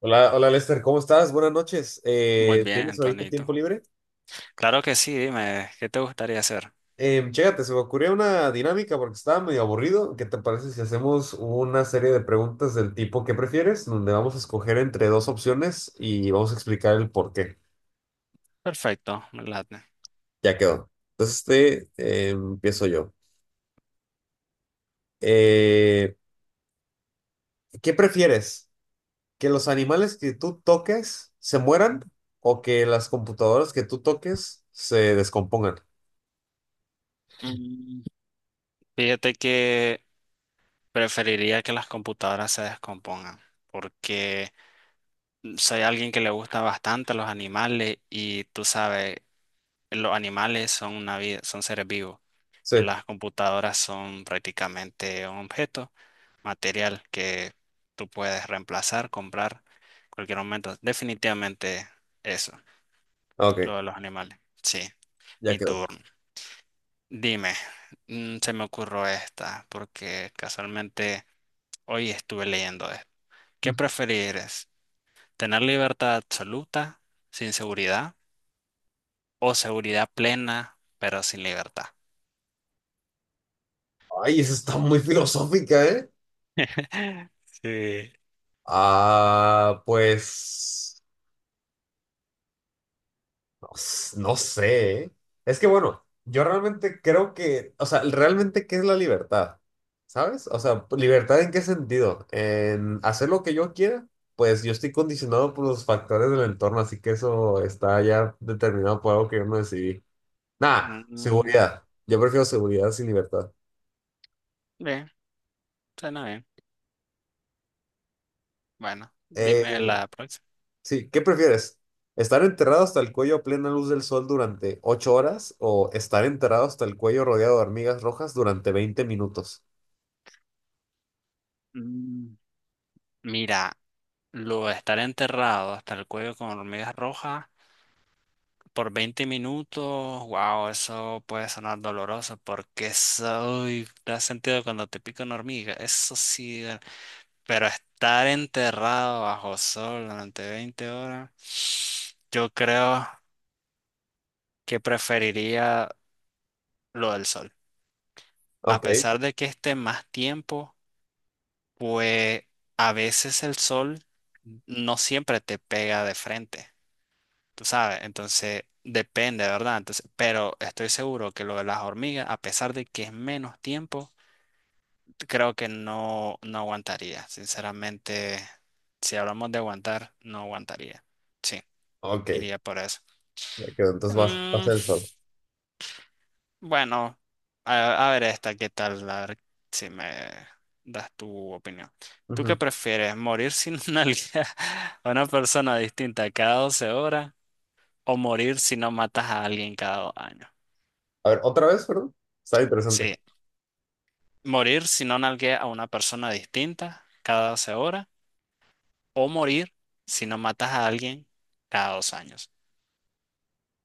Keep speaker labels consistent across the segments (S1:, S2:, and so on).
S1: Hola, hola Lester, ¿cómo estás? Buenas noches.
S2: Muy
S1: ¿Tienes
S2: bien,
S1: ahorita
S2: Tonito.
S1: tiempo libre?
S2: Claro que sí, dime, ¿qué te gustaría hacer?
S1: Chécate, se me ocurrió una dinámica porque estaba medio aburrido. ¿Qué te parece si hacemos una serie de preguntas del tipo ¿qué prefieres? Donde vamos a escoger entre dos opciones y vamos a explicar el por qué.
S2: Perfecto, me late.
S1: Ya quedó. Entonces, este, empiezo yo. Eh, ¿Qué prefieres? ¿Que los animales que tú toques se mueran o que las computadoras que tú toques se descompongan?
S2: Mm, Fíjate que preferiría que las computadoras se descompongan, porque soy alguien que le gusta bastante los animales y tú sabes, los animales son una vida, son seres vivos
S1: Sí,
S2: y las computadoras son prácticamente un objeto material que tú puedes reemplazar, comprar en cualquier momento. Definitivamente eso,
S1: ok,
S2: lo de los animales. Sí.
S1: ya
S2: Mi
S1: quedó.
S2: turno. Dime, se me ocurrió esta porque casualmente hoy estuve leyendo esto. ¿Qué preferirías? ¿Tener libertad absoluta sin seguridad o seguridad plena pero sin libertad?
S1: Ay, esa está muy filosófica, ¿eh?
S2: Sí.
S1: Ah, pues no, no sé, ¿eh? Es que bueno, yo realmente creo que, o sea, realmente, ¿qué es la libertad? ¿Sabes? O sea, pues, ¿libertad en qué sentido? En hacer lo que yo quiera, pues yo estoy condicionado por los factores del entorno, así que eso está ya determinado por algo que yo no decidí. Nada,
S2: Mm,
S1: seguridad. Yo prefiero seguridad sin libertad.
S2: Bien, suena bien. Bueno, dime
S1: Eh,
S2: la próxima.
S1: Sí, ¿Qué prefieres? ¿Estar enterrado hasta el cuello a plena luz del sol durante 8 horas o estar enterrado hasta el cuello rodeado de hormigas rojas durante 20 minutos?
S2: Mm, Mira, lo de estar enterrado hasta el cuello con hormigas rojas por 20 minutos, wow, eso puede sonar doloroso porque eso, uy, ¿te has sentido cuando te pica una hormiga? Eso sí. Pero estar enterrado bajo sol durante 20 horas, yo creo que preferiría lo del sol. A
S1: Ok,
S2: pesar de que esté más tiempo, pues a veces el sol no siempre te pega de frente. Tú sabes, entonces depende, ¿verdad? Entonces, pero estoy seguro que lo de las hormigas, a pesar de que es menos tiempo, creo que no, no aguantaría. Sinceramente, si hablamos de aguantar, no aguantaría. Sí,
S1: ok,
S2: iría por eso.
S1: me quedo. Entonces vas, vas
S2: Mm,
S1: el sol.
S2: bueno, a ver esta, ¿qué tal? A ver si me das tu opinión. ¿Tú qué
S1: Ujú.
S2: prefieres, morir sin una a una persona distinta cada 12 horas o morir si no matas a alguien cada 2 años?
S1: A ver, otra vez, perdón. Está interesante.
S2: Sí, morir si no nalgueas a una persona distinta cada 12 horas. O morir si no matas a alguien cada dos años.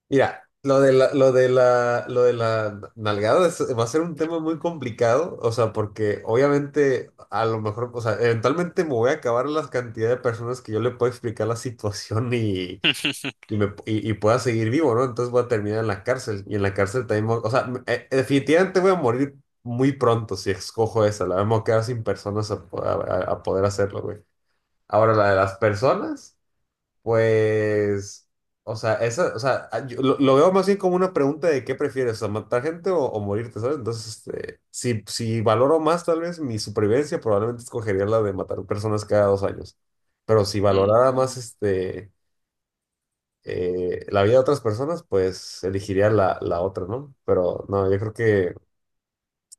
S1: Mira, lo de la, lo de la, lo de la nalgada va a ser un tema muy complicado, o sea, porque obviamente a lo mejor, o sea, eventualmente me voy a acabar la cantidad de personas que yo le puedo explicar la situación y y, me, y, y pueda seguir vivo, ¿no? Entonces voy a terminar en la cárcel y en la cárcel también, voy, o sea, definitivamente voy a morir muy pronto si escojo esa, la vamos a quedar sin personas a, po- a poder hacerlo, güey. Ahora, la de las personas, pues, o sea, esa, o sea, yo lo veo más bien como una pregunta de qué prefieres, o sea, matar gente o morirte, ¿sabes? Entonces, este, si valoro más tal vez mi supervivencia, probablemente escogería la de matar personas cada 2 años. Pero si valorara más
S2: Mm,
S1: este la vida de otras personas, pues elegiría la otra, ¿no? Pero no, yo creo que,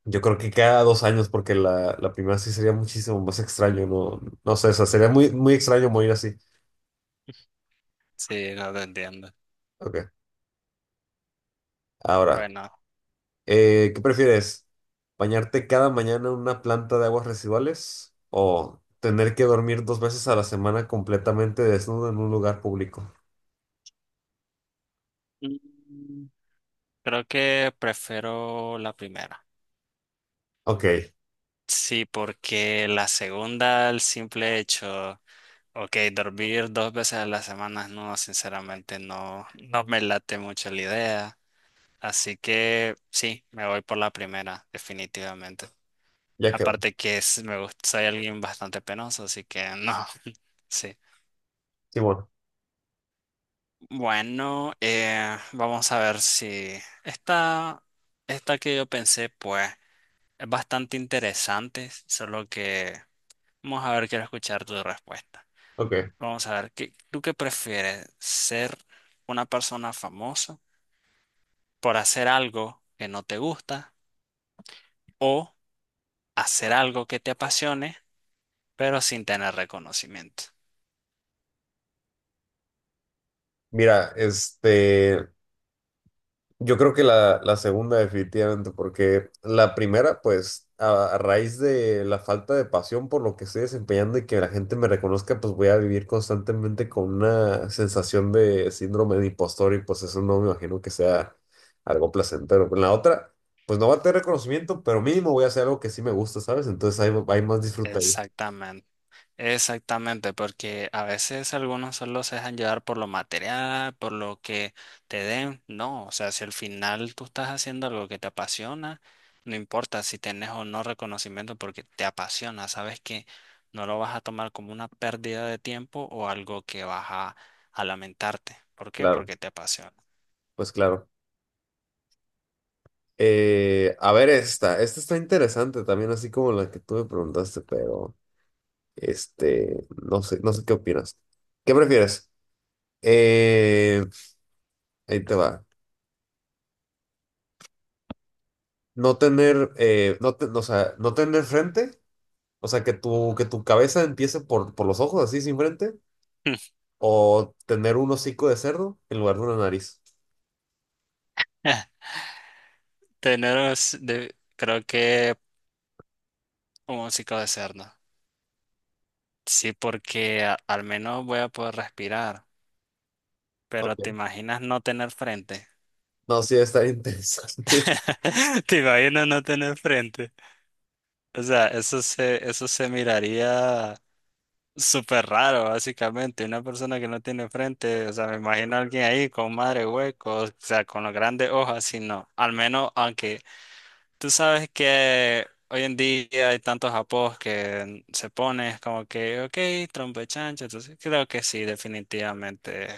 S1: yo creo que cada 2 años, porque la primera sí sería muchísimo más extraño, no, no sé, o sea, sería muy, muy extraño morir así.
S2: sí, no te entiendo.
S1: Ok, ahora,
S2: Bueno,
S1: ¿qué prefieres? ¿Bañarte cada mañana en una planta de aguas residuales o tener que dormir dos veces a la semana completamente desnudo en un lugar público?
S2: mm, creo que prefiero la primera.
S1: Ok,
S2: Sí, porque la segunda, el simple hecho, ok, dormir dos veces a la semana, no, sinceramente no, no me late mucho la idea. Así que sí, me voy por la primera, definitivamente.
S1: ya quedó.
S2: Aparte que es, me gusta, soy alguien bastante penoso, así que no. Sí.
S1: Simón,
S2: Bueno, vamos a ver si esta, esta que yo pensé, pues, es bastante interesante, solo que vamos a ver, quiero escuchar tu respuesta.
S1: ok.
S2: Vamos a ver, ¿ tú qué prefieres? ¿Ser una persona famosa por hacer algo que no te gusta o hacer algo que te apasione, pero sin tener reconocimiento?
S1: Mira, este. Yo creo que la segunda definitivamente, porque la primera, pues a raíz de la falta de pasión por lo que estoy desempeñando y que la gente me reconozca, pues voy a vivir constantemente con una sensación de síndrome de impostor y pues eso no me imagino que sea algo placentero. En la otra, pues no va a tener reconocimiento, pero mínimo voy a hacer algo que sí me gusta, ¿sabes? Entonces hay más disfrute ahí.
S2: Exactamente. Exactamente, porque a veces algunos solo se dejan llevar por lo material, por lo que te den. No, o sea, si al final tú estás haciendo algo que te apasiona, no importa si tienes o no reconocimiento porque te apasiona, sabes que no lo vas a tomar como una pérdida de tiempo o algo que vas a lamentarte. ¿Por qué?
S1: Claro,
S2: Porque te apasiona.
S1: pues claro. A ver esta, esta está interesante también, así como la que tú me preguntaste, pero... Este, no sé, no sé qué opinas. ¿Qué prefieres? Eh, ahí te va. No tener, o sea, no tener frente, o sea, que tu cabeza empiece por los ojos, así sin frente, o tener un hocico de cerdo en lugar de una nariz.
S2: Tenemos, creo que un músico de cerdo. Sí, porque al menos voy a poder respirar. Pero te
S1: Ok.
S2: imaginas no tener frente.
S1: No, sí, está interesante.
S2: Te imaginas no tener frente. O sea, eso se miraría súper raro, básicamente. Una persona que no tiene frente, o sea, me imagino a alguien ahí con madre huecos, o sea, con las grandes hojas, y no. Al menos, aunque tú sabes que hoy en día hay tantos apos que se pone como que, ok, trompo de chancho. Entonces, creo que sí, definitivamente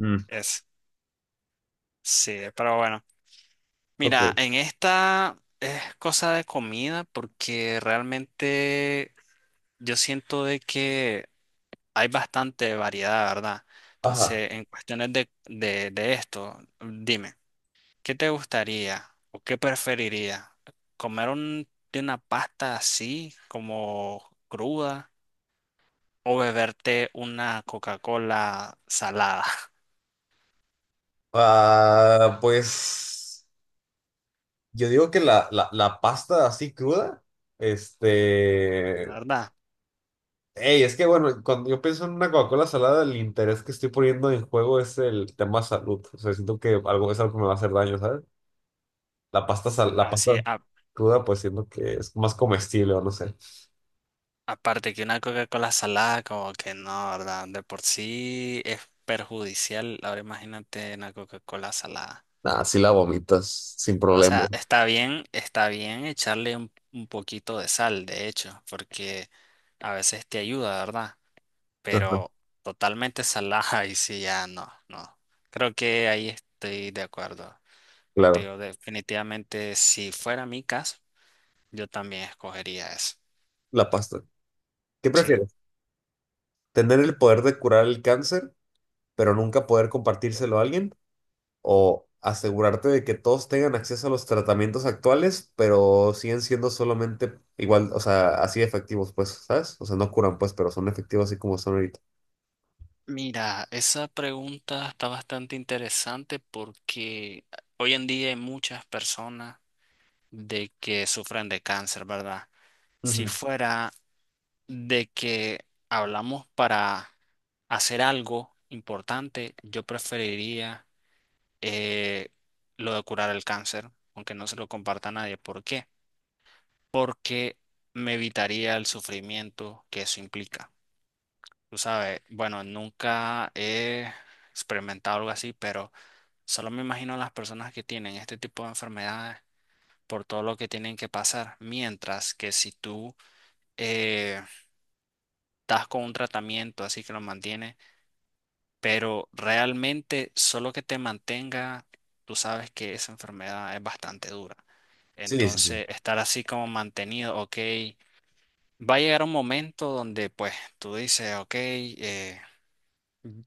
S1: Mm,
S2: es. Sí, pero bueno. Mira,
S1: ok.
S2: en esta es cosa de comida porque realmente yo siento de que hay bastante variedad, ¿verdad?
S1: Ajá.
S2: Entonces, en cuestiones de esto, dime, ¿qué te gustaría o qué preferiría? ¿Comer de una pasta así como cruda o beberte una Coca-Cola salada,
S1: Ah, pues yo digo que la pasta así cruda, este,
S2: ¿verdad?
S1: ey, es que bueno, cuando yo pienso en una Coca-Cola salada, el interés que estoy poniendo en juego es el tema salud. O sea, siento que algo es algo que me va a hacer daño, ¿sabes? La
S2: Así,
S1: pasta cruda, pues siento que es más comestible o no sé.
S2: aparte que una Coca-Cola salada, como que no, ¿verdad? De por sí es perjudicial. Ahora imagínate una Coca-Cola salada.
S1: Ah, sí la vomitas, sin
S2: O
S1: problema.
S2: sea, está bien echarle un poquito de sal, de hecho, porque a veces te ayuda, ¿verdad?
S1: Ajá,
S2: Pero totalmente salada y sí, ya no, no. Creo que ahí estoy de acuerdo
S1: claro,
S2: contigo. Definitivamente, si fuera mi caso, yo también escogería eso.
S1: la pasta. ¿Qué
S2: Sí.
S1: prefieres? ¿Tener el poder de curar el cáncer, pero nunca poder compartírselo a alguien? ¿O asegurarte de que todos tengan acceso a los tratamientos actuales, pero siguen siendo solamente igual, o sea, así efectivos, pues, ¿sabes? O sea, no curan, pues, pero son efectivos así como son ahorita.
S2: Mira, esa pregunta está bastante interesante porque hoy en día hay muchas personas de que sufren de cáncer, ¿verdad? Si
S1: Ujú.
S2: fuera de que hablamos para hacer algo importante, yo preferiría eh, lo de curar el cáncer, aunque no se lo comparta a nadie. ¿Por qué? Porque me evitaría el sufrimiento que eso implica. Tú sabes, bueno, nunca he experimentado algo así, pero solo me imagino las personas que tienen este tipo de enfermedades por todo lo que tienen que pasar, mientras que si tú eh, estás con un tratamiento así que lo mantiene, pero realmente solo que te mantenga, tú sabes que esa enfermedad es bastante dura.
S1: Sí, sí, sí.
S2: Entonces, estar así como mantenido, ok, va a llegar un momento donde pues tú dices, ok,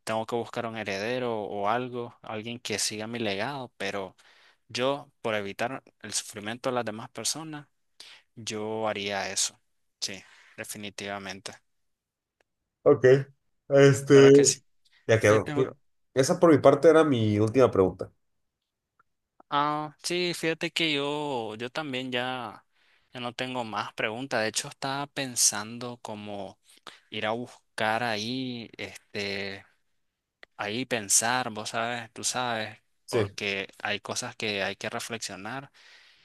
S2: tengo que buscar un heredero o algo, alguien que siga mi legado, pero... Yo, por evitar el sufrimiento de las demás personas, yo haría eso. Sí, definitivamente.
S1: Ok, este,
S2: Claro que sí.
S1: ya quedó.
S2: Fíjate,
S1: Mi-
S2: bro.
S1: esa por mi parte era mi última pregunta.
S2: Ah, sí, fíjate que yo también ya no tengo más preguntas. De hecho, estaba pensando como ir a buscar ahí, este, ahí pensar, vos sabes, tú sabes,
S1: Sí,
S2: porque hay cosas que hay que reflexionar.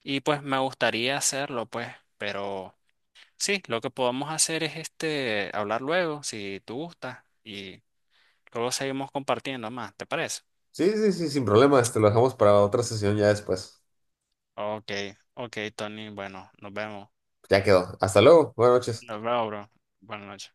S2: Y pues me gustaría hacerlo, pues, pero. Sí, lo que podemos hacer es este, hablar luego, si tú gustas, y luego seguimos compartiendo más, ¿te parece?
S1: sí, sí, sí, sin problema. Este, lo dejamos para otra sesión ya después.
S2: Ok, ok, Tony, bueno, nos vemos.
S1: Ya quedó. Hasta luego. Buenas noches.
S2: Nos vemos, bro. Buenas noches.